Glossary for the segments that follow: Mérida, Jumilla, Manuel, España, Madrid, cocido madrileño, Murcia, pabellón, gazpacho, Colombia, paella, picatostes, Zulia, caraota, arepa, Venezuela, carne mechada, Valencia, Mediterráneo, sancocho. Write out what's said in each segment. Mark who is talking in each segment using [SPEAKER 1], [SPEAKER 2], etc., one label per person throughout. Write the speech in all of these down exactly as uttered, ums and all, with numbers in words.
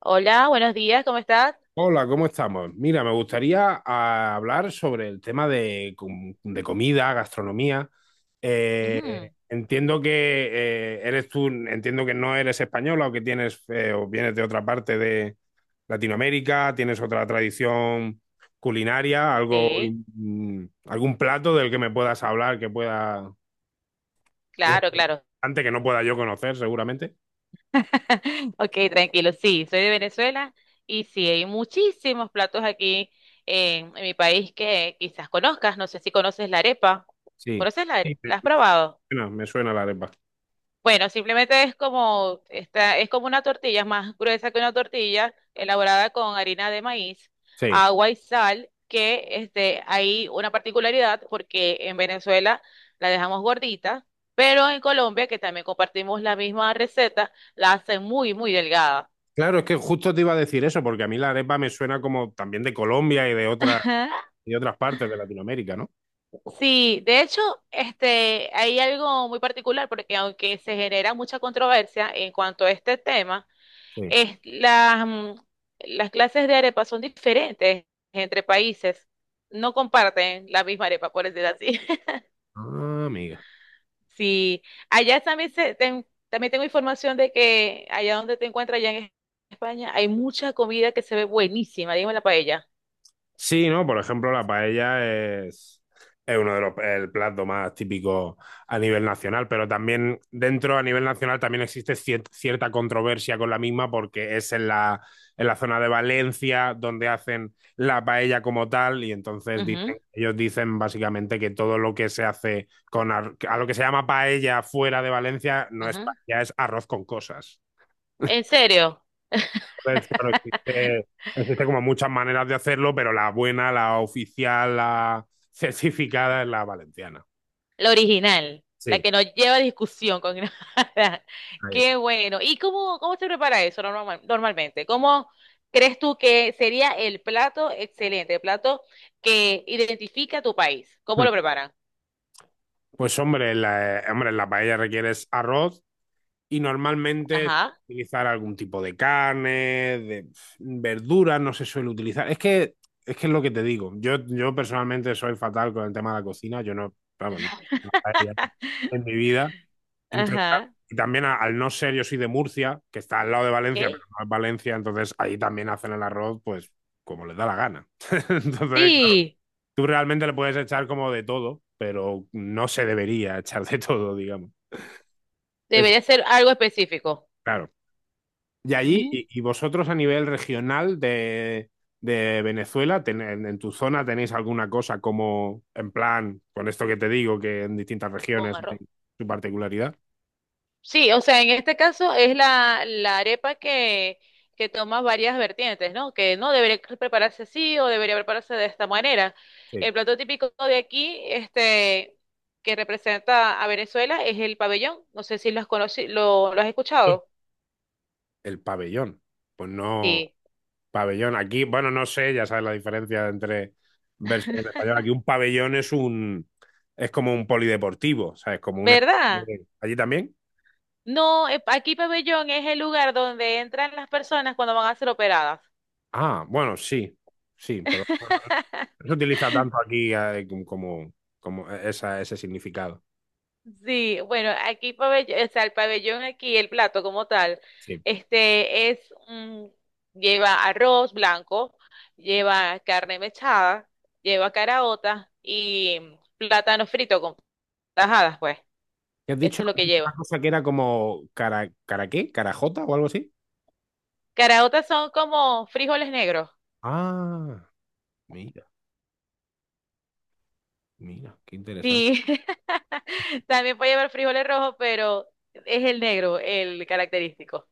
[SPEAKER 1] Hola, buenos días, ¿cómo estás?
[SPEAKER 2] Hola, ¿cómo estamos? Mira, me gustaría ah, hablar sobre el tema de, com- de comida, gastronomía. Eh,
[SPEAKER 1] Ujú.
[SPEAKER 2] entiendo que eh, eres tú, entiendo que no eres española o que tienes eh, o vienes de otra parte de Latinoamérica, tienes otra tradición culinaria, algo,
[SPEAKER 1] Sí,
[SPEAKER 2] mm, algún plato del que me puedas hablar que pueda, eh,
[SPEAKER 1] claro, claro.
[SPEAKER 2] antes que no pueda yo conocer, seguramente.
[SPEAKER 1] Ok, tranquilo, sí, soy de Venezuela y sí, hay muchísimos platos aquí en, en mi país que quizás conozcas, no sé si conoces la arepa.
[SPEAKER 2] Sí.
[SPEAKER 1] ¿Conoces la
[SPEAKER 2] Sí,
[SPEAKER 1] arepa?
[SPEAKER 2] me
[SPEAKER 1] ¿La has
[SPEAKER 2] me
[SPEAKER 1] probado?
[SPEAKER 2] suena, me suena la arepa.
[SPEAKER 1] Bueno, simplemente es como, esta, es como una tortilla, es más gruesa que una tortilla, elaborada con harina de maíz,
[SPEAKER 2] Sí.
[SPEAKER 1] agua y sal, que este, hay una particularidad porque en Venezuela la dejamos gordita, pero en Colombia, que también compartimos la misma receta, la hacen muy, muy delgada.
[SPEAKER 2] Claro, es que justo te iba a decir eso, porque a mí la arepa me suena como también de Colombia y de otras
[SPEAKER 1] Ajá.
[SPEAKER 2] y otras partes de Latinoamérica, ¿no?
[SPEAKER 1] Sí, de hecho, este, hay algo muy particular porque aunque se genera mucha controversia en cuanto a este tema,
[SPEAKER 2] Sí.
[SPEAKER 1] Es, las, mm, las clases de arepa son diferentes entre países. No comparten la misma arepa, por decir así.
[SPEAKER 2] Ah, amiga.
[SPEAKER 1] Sí, allá también, se- ten- también tengo información de que allá donde te encuentras, allá en España, hay mucha comida que se ve buenísima, dígame la paella.
[SPEAKER 2] Sí, ¿no? Por ejemplo, la paella es, es uno de los el plato más típico a nivel nacional, pero también dentro a nivel nacional también existe cier- cierta controversia con la misma porque es en la, en la zona de Valencia donde hacen la paella como tal y entonces
[SPEAKER 1] Ujú,
[SPEAKER 2] dicen, ellos dicen básicamente que todo lo que se hace con ar- a lo que se llama paella fuera de Valencia no es
[SPEAKER 1] ujú.
[SPEAKER 2] paella, es arroz con cosas.
[SPEAKER 1] ¿En serio?
[SPEAKER 2] Pues claro, existe, existe como muchas maneras de hacerlo, pero la buena, la oficial, la certificada es la valenciana.
[SPEAKER 1] La original, la
[SPEAKER 2] Sí,
[SPEAKER 1] que no lleva discusión con nada.
[SPEAKER 2] ahí está.
[SPEAKER 1] Qué bueno. ¿Y cómo, cómo se prepara eso normal- normalmente? ¿Cómo crees tú que sería el plato excelente, el plato que identifica tu país? ¿Cómo
[SPEAKER 2] Mm.
[SPEAKER 1] lo preparan?
[SPEAKER 2] Pues hombre, la, eh, hombre, la paella requieres arroz y normalmente es
[SPEAKER 1] Ajá,
[SPEAKER 2] utilizar algún tipo de carne, de pf, verduras, no se suele utilizar. Es que es que es lo que te digo. Yo, yo personalmente soy fatal con el tema de la cocina. Yo no, vamos, no, no paella en mi vida. Entonces, claro,
[SPEAKER 1] ajá,
[SPEAKER 2] y también a- al no ser, yo soy de Murcia, que está al lado de Valencia, pero
[SPEAKER 1] ok.
[SPEAKER 2] no es Valencia, entonces ahí también hacen el arroz, pues como les da la gana. Entonces, claro,
[SPEAKER 1] Sí,
[SPEAKER 2] tú realmente le puedes echar como de todo, pero no se debería echar de todo, digamos. Es-
[SPEAKER 1] debería ser algo específico.
[SPEAKER 2] Claro. Y allí, y,
[SPEAKER 1] Mm.
[SPEAKER 2] y vosotros a nivel regional de, de Venezuela, ten- en, en tu zona tenéis alguna cosa como, en plan, con esto que te digo, que en distintas
[SPEAKER 1] Con
[SPEAKER 2] regiones hay
[SPEAKER 1] arroz.
[SPEAKER 2] su particularidad?
[SPEAKER 1] Sí, o sea, en este caso es la, la arepa que, que toma varias vertientes, ¿no? Que no debería prepararse así o debería prepararse de esta manera.
[SPEAKER 2] Sí.
[SPEAKER 1] El plato típico de aquí, este, que representa a Venezuela, es el pabellón. No sé si lo has conoci- lo, lo has escuchado.
[SPEAKER 2] El pabellón. Pues no.
[SPEAKER 1] Sí.
[SPEAKER 2] Pabellón. Aquí, bueno, no sé, ya sabes la diferencia entre versión en español. Aquí un pabellón es un es como un polideportivo, ¿sabes? Como un espacio
[SPEAKER 1] ¿Verdad?
[SPEAKER 2] de- ¿Allí también?
[SPEAKER 1] No, eh, aquí pabellón es el lugar donde entran las personas cuando van a ser operadas.
[SPEAKER 2] Ah, bueno, sí, sí, pero bueno, no se utiliza tanto aquí eh, como, como esa, ese significado.
[SPEAKER 1] Sí, bueno, aquí pabellón, o sea, el pabellón aquí, el plato como tal,
[SPEAKER 2] Sí.
[SPEAKER 1] este es un- lleva arroz blanco, lleva carne mechada, lleva caraota y plátano frito con tajadas, pues.
[SPEAKER 2] ¿Qué has dicho?
[SPEAKER 1] Eso es lo
[SPEAKER 2] Has
[SPEAKER 1] que
[SPEAKER 2] dicho una
[SPEAKER 1] lleva.
[SPEAKER 2] cosa que era como cara, ¿cara qué? ¿Carajota o algo así?
[SPEAKER 1] Caraotas son como frijoles negros.
[SPEAKER 2] Ah, mira, mira, qué interesante.
[SPEAKER 1] Sí. También puede llevar frijoles rojos, pero es el negro el característico.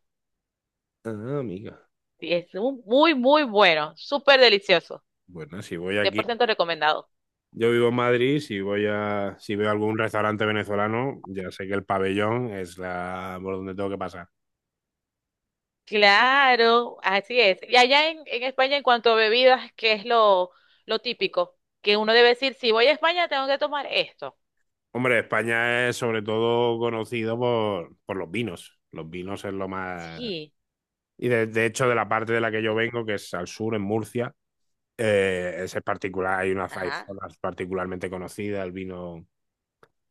[SPEAKER 2] Ah, amiga.
[SPEAKER 1] Sí, es un- muy, muy bueno, súper delicioso.
[SPEAKER 2] Bueno, si voy
[SPEAKER 1] cien
[SPEAKER 2] aquí
[SPEAKER 1] por ciento recomendado.
[SPEAKER 2] yo vivo en Madrid. si voy a, si veo algún restaurante venezolano, ya sé que el pabellón es la por donde tengo que pasar.
[SPEAKER 1] Claro, así es. Y allá en, en España, en cuanto a bebidas, ¿qué es lo, lo típico? Que uno debe decir, si voy a España, tengo que tomar esto.
[SPEAKER 2] Hombre, España es sobre todo conocido por, por los vinos. Los vinos es lo más.
[SPEAKER 1] Sí,
[SPEAKER 2] Y de, de hecho, de la parte de la que yo vengo, que es al sur, en Murcia, eh, ese es particular, hay unas hay
[SPEAKER 1] ajá.
[SPEAKER 2] zonas particularmente conocidas, el vino,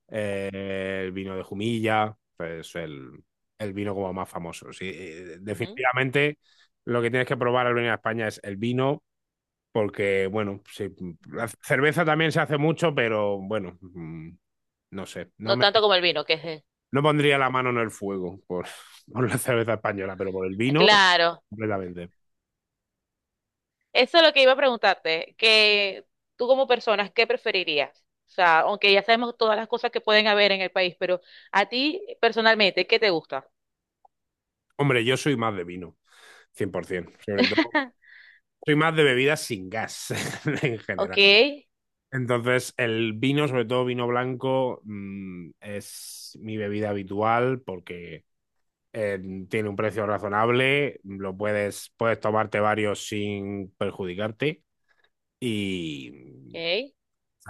[SPEAKER 2] eh, el vino de Jumilla, pues el, el vino como más famoso. Sí, eh,
[SPEAKER 1] Ujú,
[SPEAKER 2] definitivamente lo que tienes que probar al venir a España es el vino porque, bueno, sí,
[SPEAKER 1] ujú.
[SPEAKER 2] la cerveza también se hace mucho, pero bueno, mm, no sé,
[SPEAKER 1] No
[SPEAKER 2] no, me,
[SPEAKER 1] tanto como el vino, que es... el-
[SPEAKER 2] no pondría la mano en el fuego por, por, la cerveza española, pero por el vino,
[SPEAKER 1] Claro.
[SPEAKER 2] completamente.
[SPEAKER 1] Eso es lo que iba a preguntarte, que tú como persona, ¿qué preferirías? O sea, aunque ya sabemos todas las cosas que pueden haber en el país, pero a ti personalmente, ¿qué te gusta?
[SPEAKER 2] Hombre, yo soy más de vino, cien por ciento, sobre todo, soy más de bebidas sin gas en
[SPEAKER 1] Ok,
[SPEAKER 2] general. Entonces, el vino, sobre todo vino blanco, mm, es mi bebida habitual porque eh, tiene un precio razonable, lo puedes, puedes tomarte varios sin perjudicarte. Y
[SPEAKER 1] ok.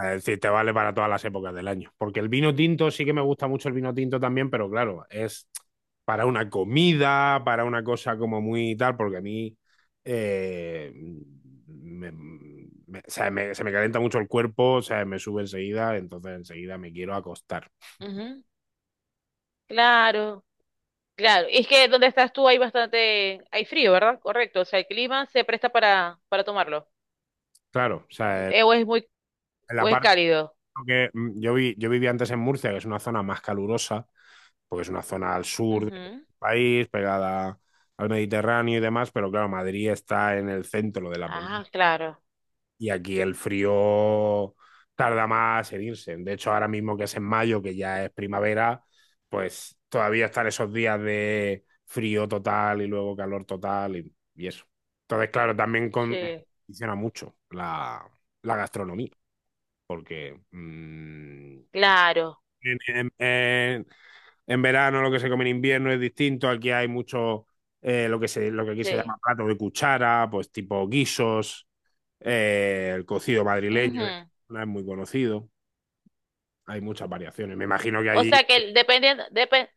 [SPEAKER 2] es decir, te vale para todas las épocas del año. Porque el vino tinto sí que me gusta mucho el vino tinto también, pero claro, es para una comida, para una cosa como muy tal, porque a mí eh, me- me- o sea, me- se me calienta mucho el cuerpo, o sea, me sube enseguida, entonces enseguida me quiero acostar.
[SPEAKER 1] Ujú. Claro. Claro, y es que donde estás tú hay bastante, hay frío, ¿verdad? Correcto, o sea, el clima se presta para, para tomarlo.
[SPEAKER 2] Claro, o sea,
[SPEAKER 1] Eh, o es muy,
[SPEAKER 2] en la
[SPEAKER 1] o es
[SPEAKER 2] parte
[SPEAKER 1] cálido.
[SPEAKER 2] que mm, yo vi, yo vivía antes en Murcia, que es una zona más calurosa, porque es una zona al sur del
[SPEAKER 1] Ujú.
[SPEAKER 2] país, pegada al Mediterráneo y demás, pero claro, Madrid está en el centro de la
[SPEAKER 1] Ah,
[SPEAKER 2] península
[SPEAKER 1] claro,
[SPEAKER 2] y aquí el frío tarda más en irse. De hecho, ahora mismo que es en mayo, que ya es primavera, pues todavía están esos días de frío total y luego calor total y, y eso. Entonces, claro, también con-
[SPEAKER 1] sí,
[SPEAKER 2] condiciona mucho la, la gastronomía, porque mm,
[SPEAKER 1] claro,
[SPEAKER 2] en, en- en- en verano lo que se come en invierno es distinto. Aquí hay mucho eh, lo que se, lo que aquí se
[SPEAKER 1] sí.
[SPEAKER 2] llama plato de cuchara, pues tipo guisos, eh, el cocido madrileño en esta
[SPEAKER 1] Ujú.
[SPEAKER 2] zona es muy conocido. Hay muchas variaciones. Me imagino que
[SPEAKER 1] O
[SPEAKER 2] allí.
[SPEAKER 1] sea que dependiendo, depende,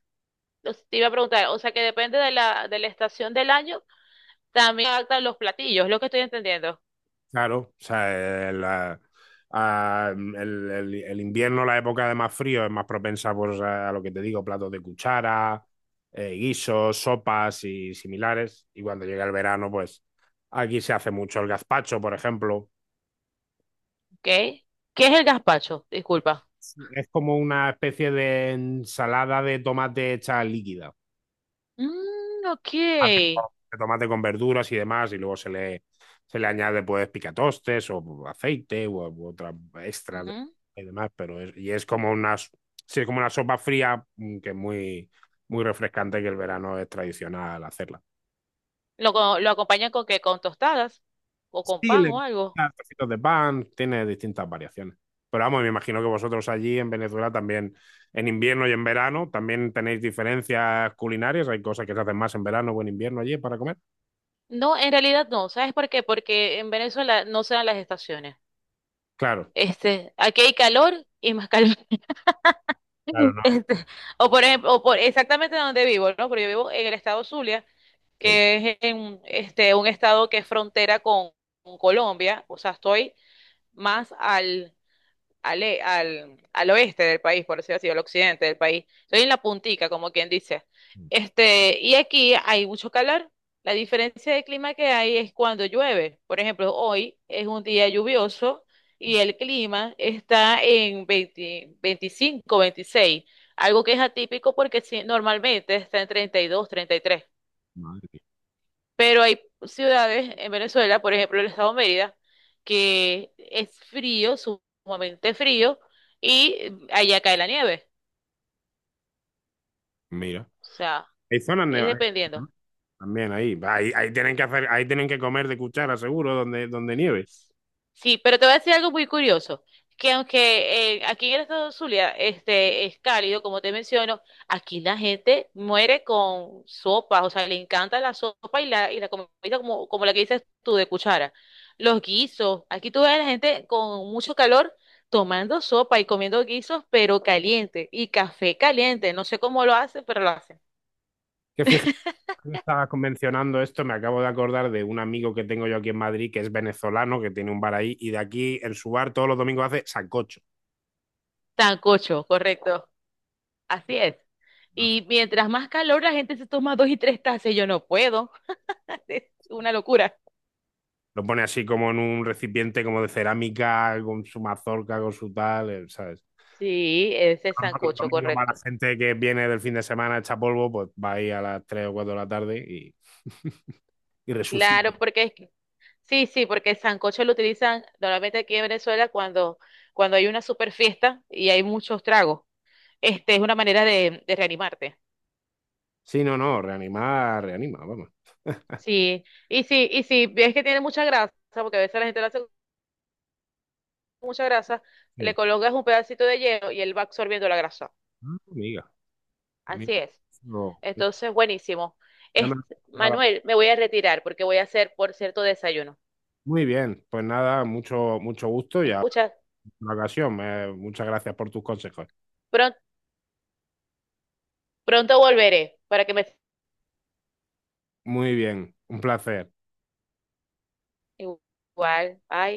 [SPEAKER 1] te iba a preguntar, o sea que depende de la, de la estación del año, también adaptan los platillos, lo que estoy entendiendo.
[SPEAKER 2] Claro, o sea, eh, la- a- el, el- el invierno, la época de más frío, es más propensa pues, a lo que te digo, platos de cuchara, eh, guisos, sopas y similares. Y cuando llega el verano, pues aquí se hace mucho el gazpacho, por ejemplo.
[SPEAKER 1] ¿Ok? ¿Qué es el gazpacho? Disculpa.
[SPEAKER 2] Es como una especie de ensalada de tomate hecha líquida.
[SPEAKER 1] Mm,
[SPEAKER 2] Tomate
[SPEAKER 1] ok.
[SPEAKER 2] con tomate con verduras y demás, y luego se le, se le añade pues picatostes o aceite u, u otra extra de-
[SPEAKER 1] Ujú.
[SPEAKER 2] y demás, pero es, y es como una, s- sí, es como una sopa fría mm, que es muy, muy refrescante, que el verano es tradicional hacerla.
[SPEAKER 1] ¿Lo, co- lo acompañan con qué? ¿Con tostadas? ¿O con
[SPEAKER 2] Sí,
[SPEAKER 1] pan
[SPEAKER 2] le
[SPEAKER 1] o algo?
[SPEAKER 2] ponen trocitos de pan, tiene distintas variaciones. Pero vamos, me imagino que vosotros allí en Venezuela también, en invierno y en verano, también tenéis diferencias culinarias. Hay cosas que se hacen más en verano o en invierno allí para comer.
[SPEAKER 1] No, en realidad no. ¿Sabes por qué? Porque en Venezuela no se dan las estaciones.
[SPEAKER 2] Claro,
[SPEAKER 1] Este, aquí hay calor y más calor.
[SPEAKER 2] claro, no.
[SPEAKER 1] Este, o por ejemplo, o por exactamente donde vivo, ¿no? Porque yo vivo en el estado Zulia,
[SPEAKER 2] Sí.
[SPEAKER 1] que es en, este, un estado que es frontera con, con Colombia. O sea, estoy más al al, e- al, al oeste del país, por decirlo así, al occidente del país. Soy en la puntica, como quien dice. Este, y aquí hay mucho calor. La diferencia de clima que hay es cuando llueve. Por ejemplo, hoy es un día lluvioso y el clima está en veinte veinticinco, veintiséis, algo que es atípico porque si- normalmente está en treinta treinta y dos, treinta y tres.
[SPEAKER 2] Madre mía.
[SPEAKER 1] Pero hay ciudades en Venezuela, por ejemplo, el estado Mérida, que es frío, sumamente frío, y allá cae la nieve.
[SPEAKER 2] Mira.
[SPEAKER 1] O sea,
[SPEAKER 2] Hay zonas
[SPEAKER 1] es
[SPEAKER 2] nevadas, ¿no?
[SPEAKER 1] dependiendo.
[SPEAKER 2] También ahí. ahí. Ahí tienen que hacer, ahí tienen que comer de cuchara, seguro, donde, donde nieve.
[SPEAKER 1] Sí, pero te voy a decir algo muy curioso, que aunque eh, aquí en el estado de Zulia este, es cálido, como te menciono, aquí la gente muere con sopa, o sea, le encanta la sopa y la, y la comida como, como la que dices tú de cuchara. Los guisos, aquí tú ves a la gente con mucho calor tomando sopa y comiendo guisos, pero caliente, y café caliente, no sé cómo lo hacen, pero lo hacen.
[SPEAKER 2] Que fíjate que estaba convencionando esto, me acabo de acordar de un amigo que tengo yo aquí en Madrid, que es venezolano, que tiene un bar ahí, y de aquí en su bar todos los domingos hace sancocho.
[SPEAKER 1] Tancocho, correcto, así es. Y mientras más calor la gente se toma dos y tres tazas, y yo no puedo. Es una locura.
[SPEAKER 2] Lo pone así como en un recipiente como de cerámica, con su mazorca, con su tal, eh, ¿sabes?
[SPEAKER 1] Sí, ese
[SPEAKER 2] Los
[SPEAKER 1] sancocho,
[SPEAKER 2] domingos va la
[SPEAKER 1] correcto.
[SPEAKER 2] gente que viene del fin de semana, echa polvo, pues va ahí a las tres o cuatro de la tarde y, y resucita.
[SPEAKER 1] Claro, porque es que- sí, sí, porque el sancocho lo utilizan normalmente aquí en Venezuela cuando, cuando hay una super fiesta y hay muchos tragos. Este es una manera de, de reanimarte.
[SPEAKER 2] Sí, no, no, reanimar, reanima, vamos.
[SPEAKER 1] Sí, y sí, y sí, ves que tiene mucha grasa, porque a veces la gente lo hace con mucha grasa, le
[SPEAKER 2] Sí.
[SPEAKER 1] colocas un pedacito de hielo y él va absorbiendo la grasa.
[SPEAKER 2] Ah, amiga,
[SPEAKER 1] Así
[SPEAKER 2] amiga.
[SPEAKER 1] es.
[SPEAKER 2] No,
[SPEAKER 1] Entonces, buenísimo.
[SPEAKER 2] ya
[SPEAKER 1] Es,
[SPEAKER 2] me- para-
[SPEAKER 1] Manuel, me voy a retirar porque voy a hacer, por cierto, desayuno.
[SPEAKER 2] Muy bien, pues nada, mucho, mucho gusto y
[SPEAKER 1] ¿Me
[SPEAKER 2] a
[SPEAKER 1] escuchas?
[SPEAKER 2] la ocasión. eh, muchas gracias por tus consejos.
[SPEAKER 1] Pronto Pronto volveré para que me
[SPEAKER 2] Muy bien, un placer.
[SPEAKER 1] igual. Ay.